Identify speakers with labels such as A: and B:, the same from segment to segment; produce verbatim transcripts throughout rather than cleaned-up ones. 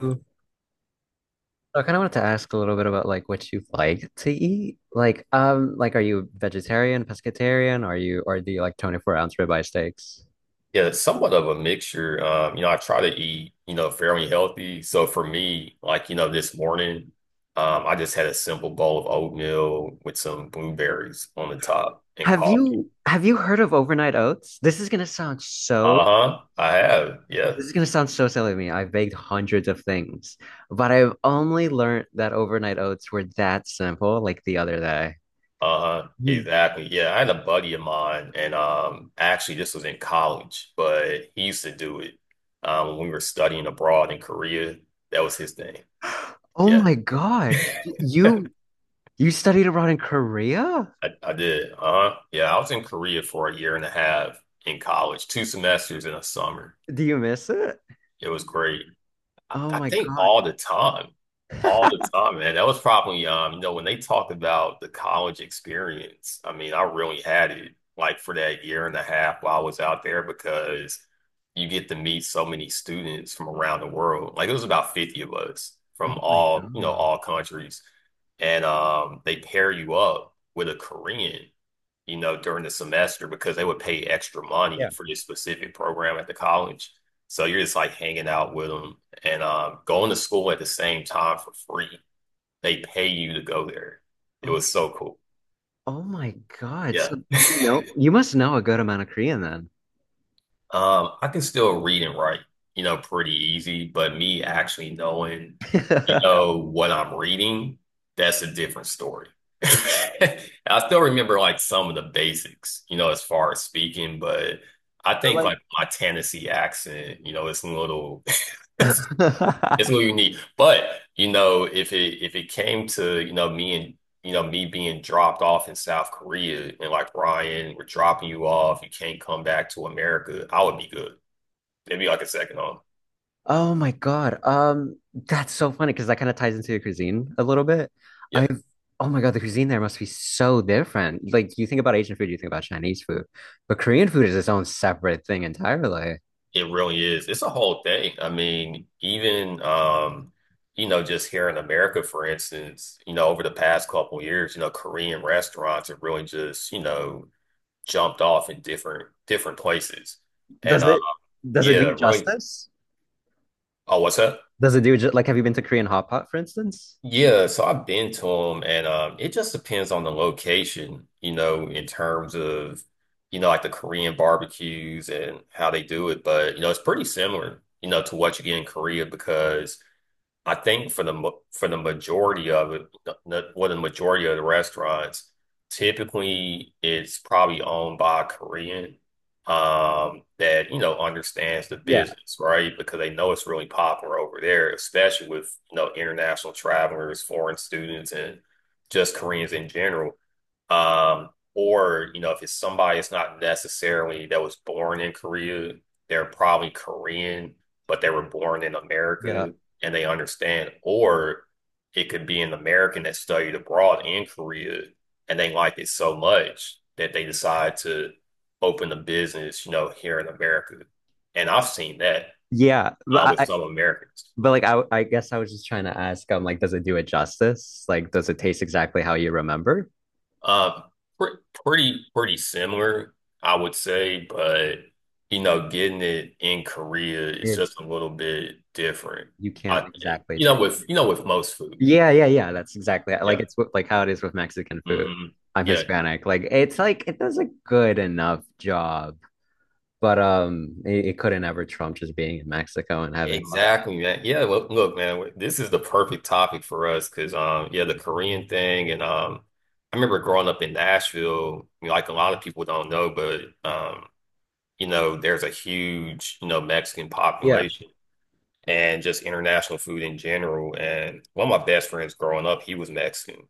A: So I kind of wanted to ask a little bit about like what you like to eat. Like, um, like are you vegetarian, pescatarian? Are you or do you like twenty-four ounce ribeye steaks?
B: Yeah, it's somewhat of a mixture. Um, you know, I try to eat, you know, fairly healthy. So for me, like, you know, this morning, um, I just had a simple bowl of oatmeal with some blueberries on the top and
A: Have
B: coffee.
A: you have you heard of overnight oats? This is gonna sound so
B: Uh-huh. I have. Yeah.
A: this is gonna sound so silly to me. I've baked hundreds of things, but I've only learned that overnight oats were that simple like the other day.
B: Uh-huh.
A: You,
B: Exactly. Yeah. I had a buddy of mine and um actually this was in college, but he used to do it um when we were studying abroad in Korea. That was his thing.
A: oh
B: Yeah.
A: my God. Y- You you studied abroad in Korea?
B: I, I did. Uh-huh. Yeah, I was in Korea for a year and a half in college, two semesters in a summer.
A: Do you miss it?
B: It was great. I,
A: Oh
B: I
A: my
B: think
A: God.
B: all the time, all the time, man. That was probably, um, you know, when they talked about the college experience. I mean, I really had it like for that year and a half while I was out there because you get to meet so many students from around the world. Like it was about fifty of us from
A: Oh my
B: all, you know,
A: God.
B: all countries. And um, They pair you up with a Korean, you know, during the semester because they would pay extra money
A: Yeah.
B: for this specific program at the college. So you're just like hanging out with them and um, going to school at the same time for free. They pay you to go there. It
A: Oh,
B: was so cool.
A: oh my God.
B: Yeah.
A: So do you know you must know a good amount of Korean then.
B: Um, I can still read and write, you know, pretty easy, but me actually knowing, you know, what I'm reading, that's a different story. I still remember like some of the basics, you know, as far as speaking, but I
A: But
B: think
A: like
B: like my Tennessee accent, you know, it's a little it's It's gonna be unique. But you know, if it if it came to, you know, me and you know, me being dropped off in South Korea and like Ryan, we're dropping you off, you can't come back to America, I would be good. Maybe like a second on.
A: oh my God. Um that's so funny because that kind of ties into your cuisine a little bit.
B: Yeah,
A: I've oh my God, the cuisine there must be so different. Like you think about Asian food, you think about Chinese food. But Korean food is its own separate thing entirely.
B: it really is. It's a whole thing. I mean, even um, you know, just here in America, for instance, you know, over the past couple years, you know, Korean restaurants have really just, you know, jumped off in different different places. And
A: Does
B: uh
A: it does it do
B: yeah,
A: it
B: really
A: justice?
B: oh, what's that?
A: Does it do it ju- like have you been to Korean hot pot, for instance?
B: Yeah, so I've been to them, and um, it just depends on the location, you know, in terms of, you know, like the Korean barbecues and how they do it. But, you know, it's pretty similar, you know, to what you get in Korea because I think for the mo- for the majority of it, the, the- well, the majority of the restaurants, typically it's probably owned by a Korean um, that you know understands the
A: Yeah,
B: business, right? Because they know it's really popular over there, especially with you know international travelers, foreign students, and just Koreans in general. Um, or, you know, if it's somebody it's not necessarily that was born in Korea, they're probably Korean, but they were born in
A: yeah.
B: America and they understand. Or it could be an American that studied abroad in Korea and they like it so much that they decide to open a business, you know, here in America. And I've seen that
A: Yeah,
B: uh,
A: but
B: with
A: I,
B: some Americans.
A: But like I I guess I was just trying to ask, um, like, does it do it justice? Like, does it taste exactly how you remember?
B: Uh, pre pretty pretty similar, I would say, but you know, getting it in Korea is
A: It's
B: just a little bit different,
A: You
B: I
A: can't
B: think.
A: exactly
B: You
A: try.
B: know, with you know, with most food.
A: Yeah, yeah, yeah. That's exactly
B: Yeah.
A: like it's what- like how it is with Mexican food.
B: Hmm.
A: I'm
B: Yeah.
A: Hispanic. Like it's like it does a good enough job, but um, it, it couldn't ever trump just being in Mexico and having all that.
B: Exactly, man. Yeah, look, look, man, this is the perfect topic for us because um yeah, the Korean thing and um I remember growing up in Nashville, you know, like a lot of people don't know, but um, you know, there's a huge, you know, Mexican
A: Yeah,
B: population. And just international food in general. And one of my best friends growing up, he was Mexican.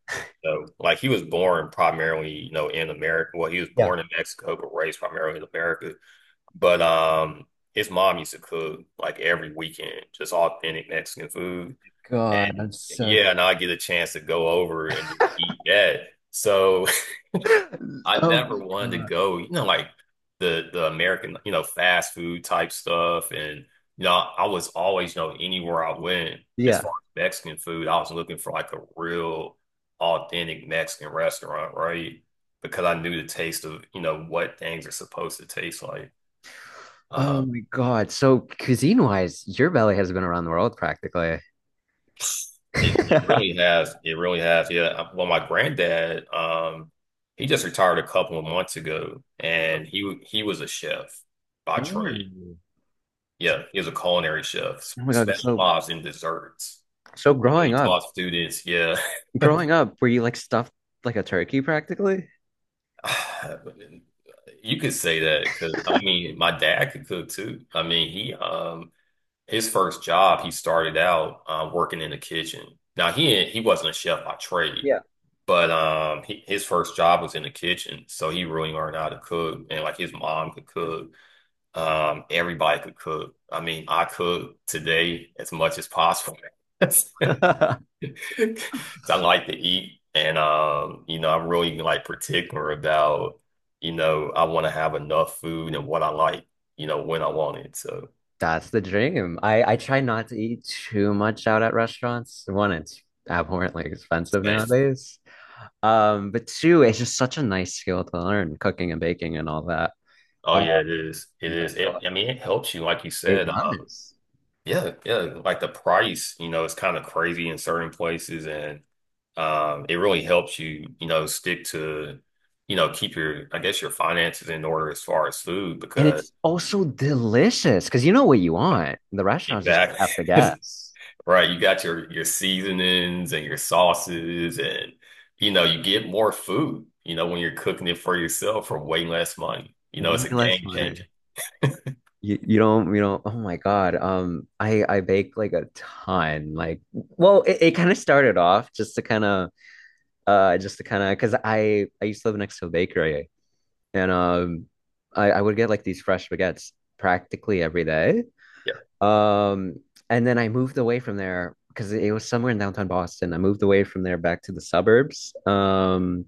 B: So, like, he was born primarily, you know, in America. Well, he was
A: yeah.
B: born in Mexico, but raised primarily in America. But um, his mom used to cook like every weekend, just authentic Mexican food.
A: God,
B: And
A: I'm so.
B: yeah, and I get a chance to go over and just eat that. So I
A: Oh
B: never
A: my
B: wanted to
A: God.
B: go, you know, like the the American, you know, fast food type stuff. And, you know, I was always, you know, anywhere I went, as
A: Yeah.
B: far as Mexican food, I was looking for like a real authentic Mexican restaurant, right? Because I knew the taste of, you know, what things are supposed to taste like.
A: Oh
B: Uh,
A: my God. So cuisine wise, your belly has been around the world practically.
B: it, it really has. It really has. Yeah. I- Well, my granddad, um, he just retired a couple of months ago, and he he was a chef by trade.
A: Oh,
B: Yeah, he was a culinary chef,
A: oh my God. So,
B: specialized in desserts.
A: so
B: So
A: growing
B: he
A: up,
B: taught students. Yeah,
A: growing up, were you like stuffed like a turkey practically?
B: you could say that because I mean, my dad could cook too. I mean, he um his first job he started out uh, working in the kitchen. Now he ain't- he wasn't a chef by trade,
A: Yeah.
B: but um he, his first job was in the kitchen, so he really learned how to cook. And like his mom could cook, um everybody could cook. I mean, I cook today as much as possible. 'Cause I like to eat, and um, you know, I'm really like particular about, you know, I want to have enough food and what I like, you know, when I want it. So,
A: That's the dream. I I try not to eat too much out at restaurants. One, it's abhorrently expensive
B: man.
A: nowadays. Um, but two, it's just such a nice skill to learn, cooking and baking and all that.
B: Oh
A: Uh,
B: yeah, it is. It
A: you gotta
B: is.
A: show
B: It,
A: off.
B: I mean, it helps you, like you
A: It
B: said. Um,
A: does.
B: yeah, yeah. Like the price, you know, it's kind of crazy in certain places, and um, it really helps you, you know, stick to, you know, keep your, I guess, your finances in order as far as food
A: And
B: because
A: it's also delicious because you know what you
B: yeah,
A: want. The restaurants just have to
B: exactly.
A: guess.
B: Right, you got your your seasonings and your sauces and you know, you get more food, you know, when you're cooking it for yourself for way less money. You know, it's
A: Way
B: a
A: less
B: game
A: money.
B: changer.
A: You, you don't you don't oh my God, um I I bake like a ton, like well it, it kind of started off just to kind of uh just to kind of because I I used to live next to a bakery, and um I I would get like these fresh baguettes practically every day,
B: Yeah,
A: um and then I moved away from there because it was somewhere in downtown Boston. I moved away from there back to the suburbs, um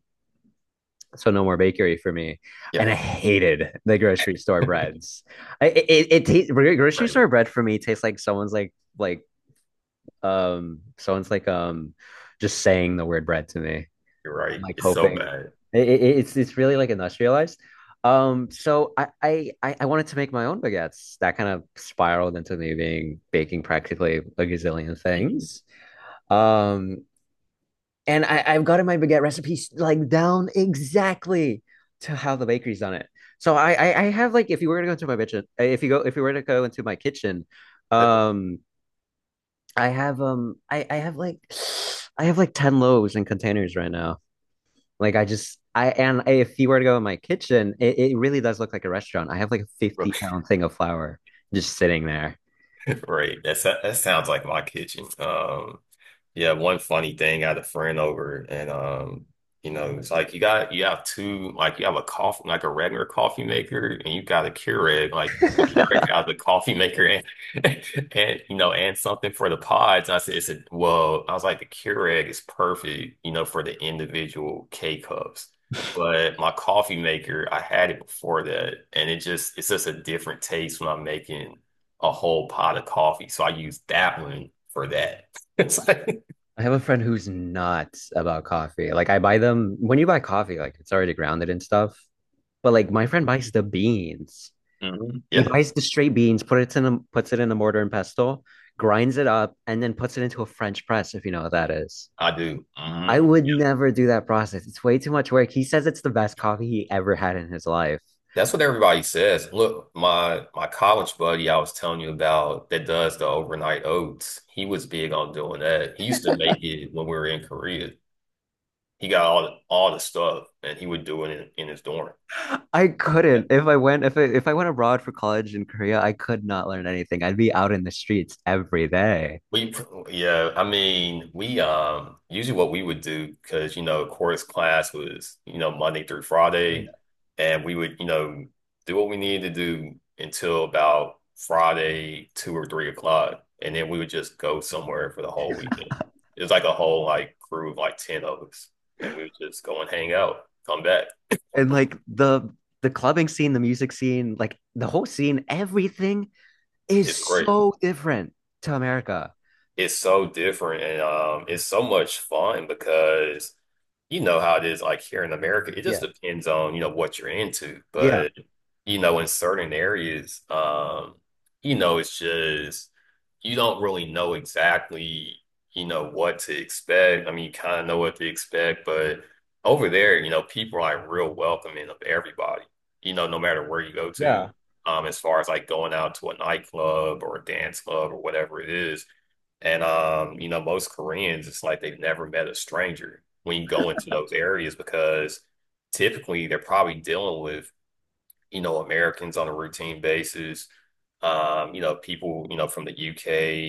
A: so no more bakery for me. And
B: yeah,
A: I hated the grocery store breads. I, it it, it tastes Grocery
B: right.
A: store bread for me tastes like someone's like like um someone's like um just saying the word bread to me. I'm
B: You're right.
A: like
B: It's so
A: hoping
B: bad.
A: it, it, it's it's really like industrialized. Um, so, I, I I I wanted to make my own baguettes. That kind of spiraled into me being baking practically a gazillion
B: Mhm.
A: things. Um, and I, I've gotten my baguette recipes like down exactly to how the bakery's done it. So, I, I, I have like, if you were to go into my kitchen, if you go if you were to go into my kitchen, um, I have um I, I have like I have like ten loaves in containers right now. Like I just I and If you were to go in my kitchen, it, it really does look like a restaurant. I have like a fifty pound thing of flour just sitting there.
B: Right. That, so, that sounds like my kitchen. Um Yeah, one funny thing, I had a friend over and um, you know, it's like you got you have two like you have a coffee like a regular coffee maker and you got a Keurig, like the Keurig
A: I
B: has a coffee maker and and you know, and something for the pods. And I said, it's a, well, I was like, the Keurig is perfect, you know, for the individual K cups. But my coffee maker, I had it before that, and it just it's just a different taste when I'm making a whole pot of coffee. So I use that one for that. It's like
A: have a friend who's nuts about coffee. Like I buy them, when you buy coffee, like it's already grounded and stuff. But like my friend buys the beans.
B: Mhm.
A: He
B: Yeah,
A: buys the straight beans, put it in a, puts it in a mortar and pestle, grinds it up, and then puts it into a French press, if you know what that is.
B: I do. Hmm.
A: I would
B: Yeah.
A: never do that process. It's way too much work. He says it's the best coffee he ever had in his life.
B: That's what everybody says. Look, my my college buddy I was telling you about that does the overnight oats. He was big on doing that. He used to make it when we were in Korea. He got all the, all the stuff and he would do it in, in his dorm. Yeah.
A: I couldn't. If I went if I, if I went abroad for college in Korea, I could not learn anything. I'd be out in the streets every day.
B: We, pr- yeah, I mean, we, um, usually what we would do, because, you know, chorus class was, you know, Monday through Friday, and we would, you know, do what we needed to do until about Friday, two or three o'clock. And then we would just go somewhere for the whole weekend. It was like a whole, like, crew of like ten of us, and we would just go and hang out, come back.
A: And like the the clubbing scene, the music scene, like the whole scene, everything is
B: It's great.
A: so different to America.
B: It's so different and um it's so much fun because you know how it is like here in America. It just
A: Yeah,
B: depends on, you know, what you're into.
A: yeah.
B: But, you know, in certain areas, um, you know, it's just you don't really know exactly, you know, what to expect. I mean, you kind of know what to expect, but over there, you know, people are like real welcoming of everybody, you know, no matter where you go to,
A: Yeah.
B: um, as far as like going out to a nightclub or a dance club or whatever it is. And um, you know, most Koreans, it's like they've never met a stranger when you go into those areas because typically they're probably dealing with, you know, Americans on a routine basis, um, you know, people, you know, from the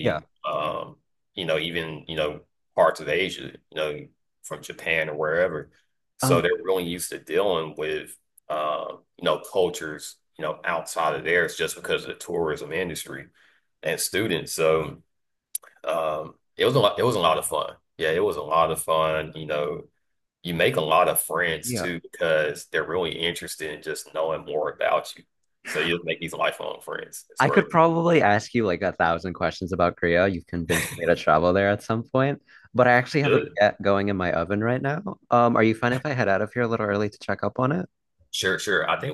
A: Yeah.
B: um, you know, even, you know, parts of Asia, you know, from Japan or wherever. So
A: Um,
B: they're really used to dealing with um, you know, cultures, you know, outside of theirs just because of the tourism industry and students. So um, it was a lot, it was a lot of fun. Yeah, it was a lot of fun. You know, you make a lot of friends
A: yeah.
B: too because they're really interested in just knowing more about you. So you just make these lifelong friends. It's
A: I
B: great.
A: could probably ask you like a thousand questions about Korea. You've convinced me to travel there at some point, but I actually have a
B: Good.
A: baguette going in my oven right now. Um, are you fine if I head out of here a little early to check up on it?
B: Sure.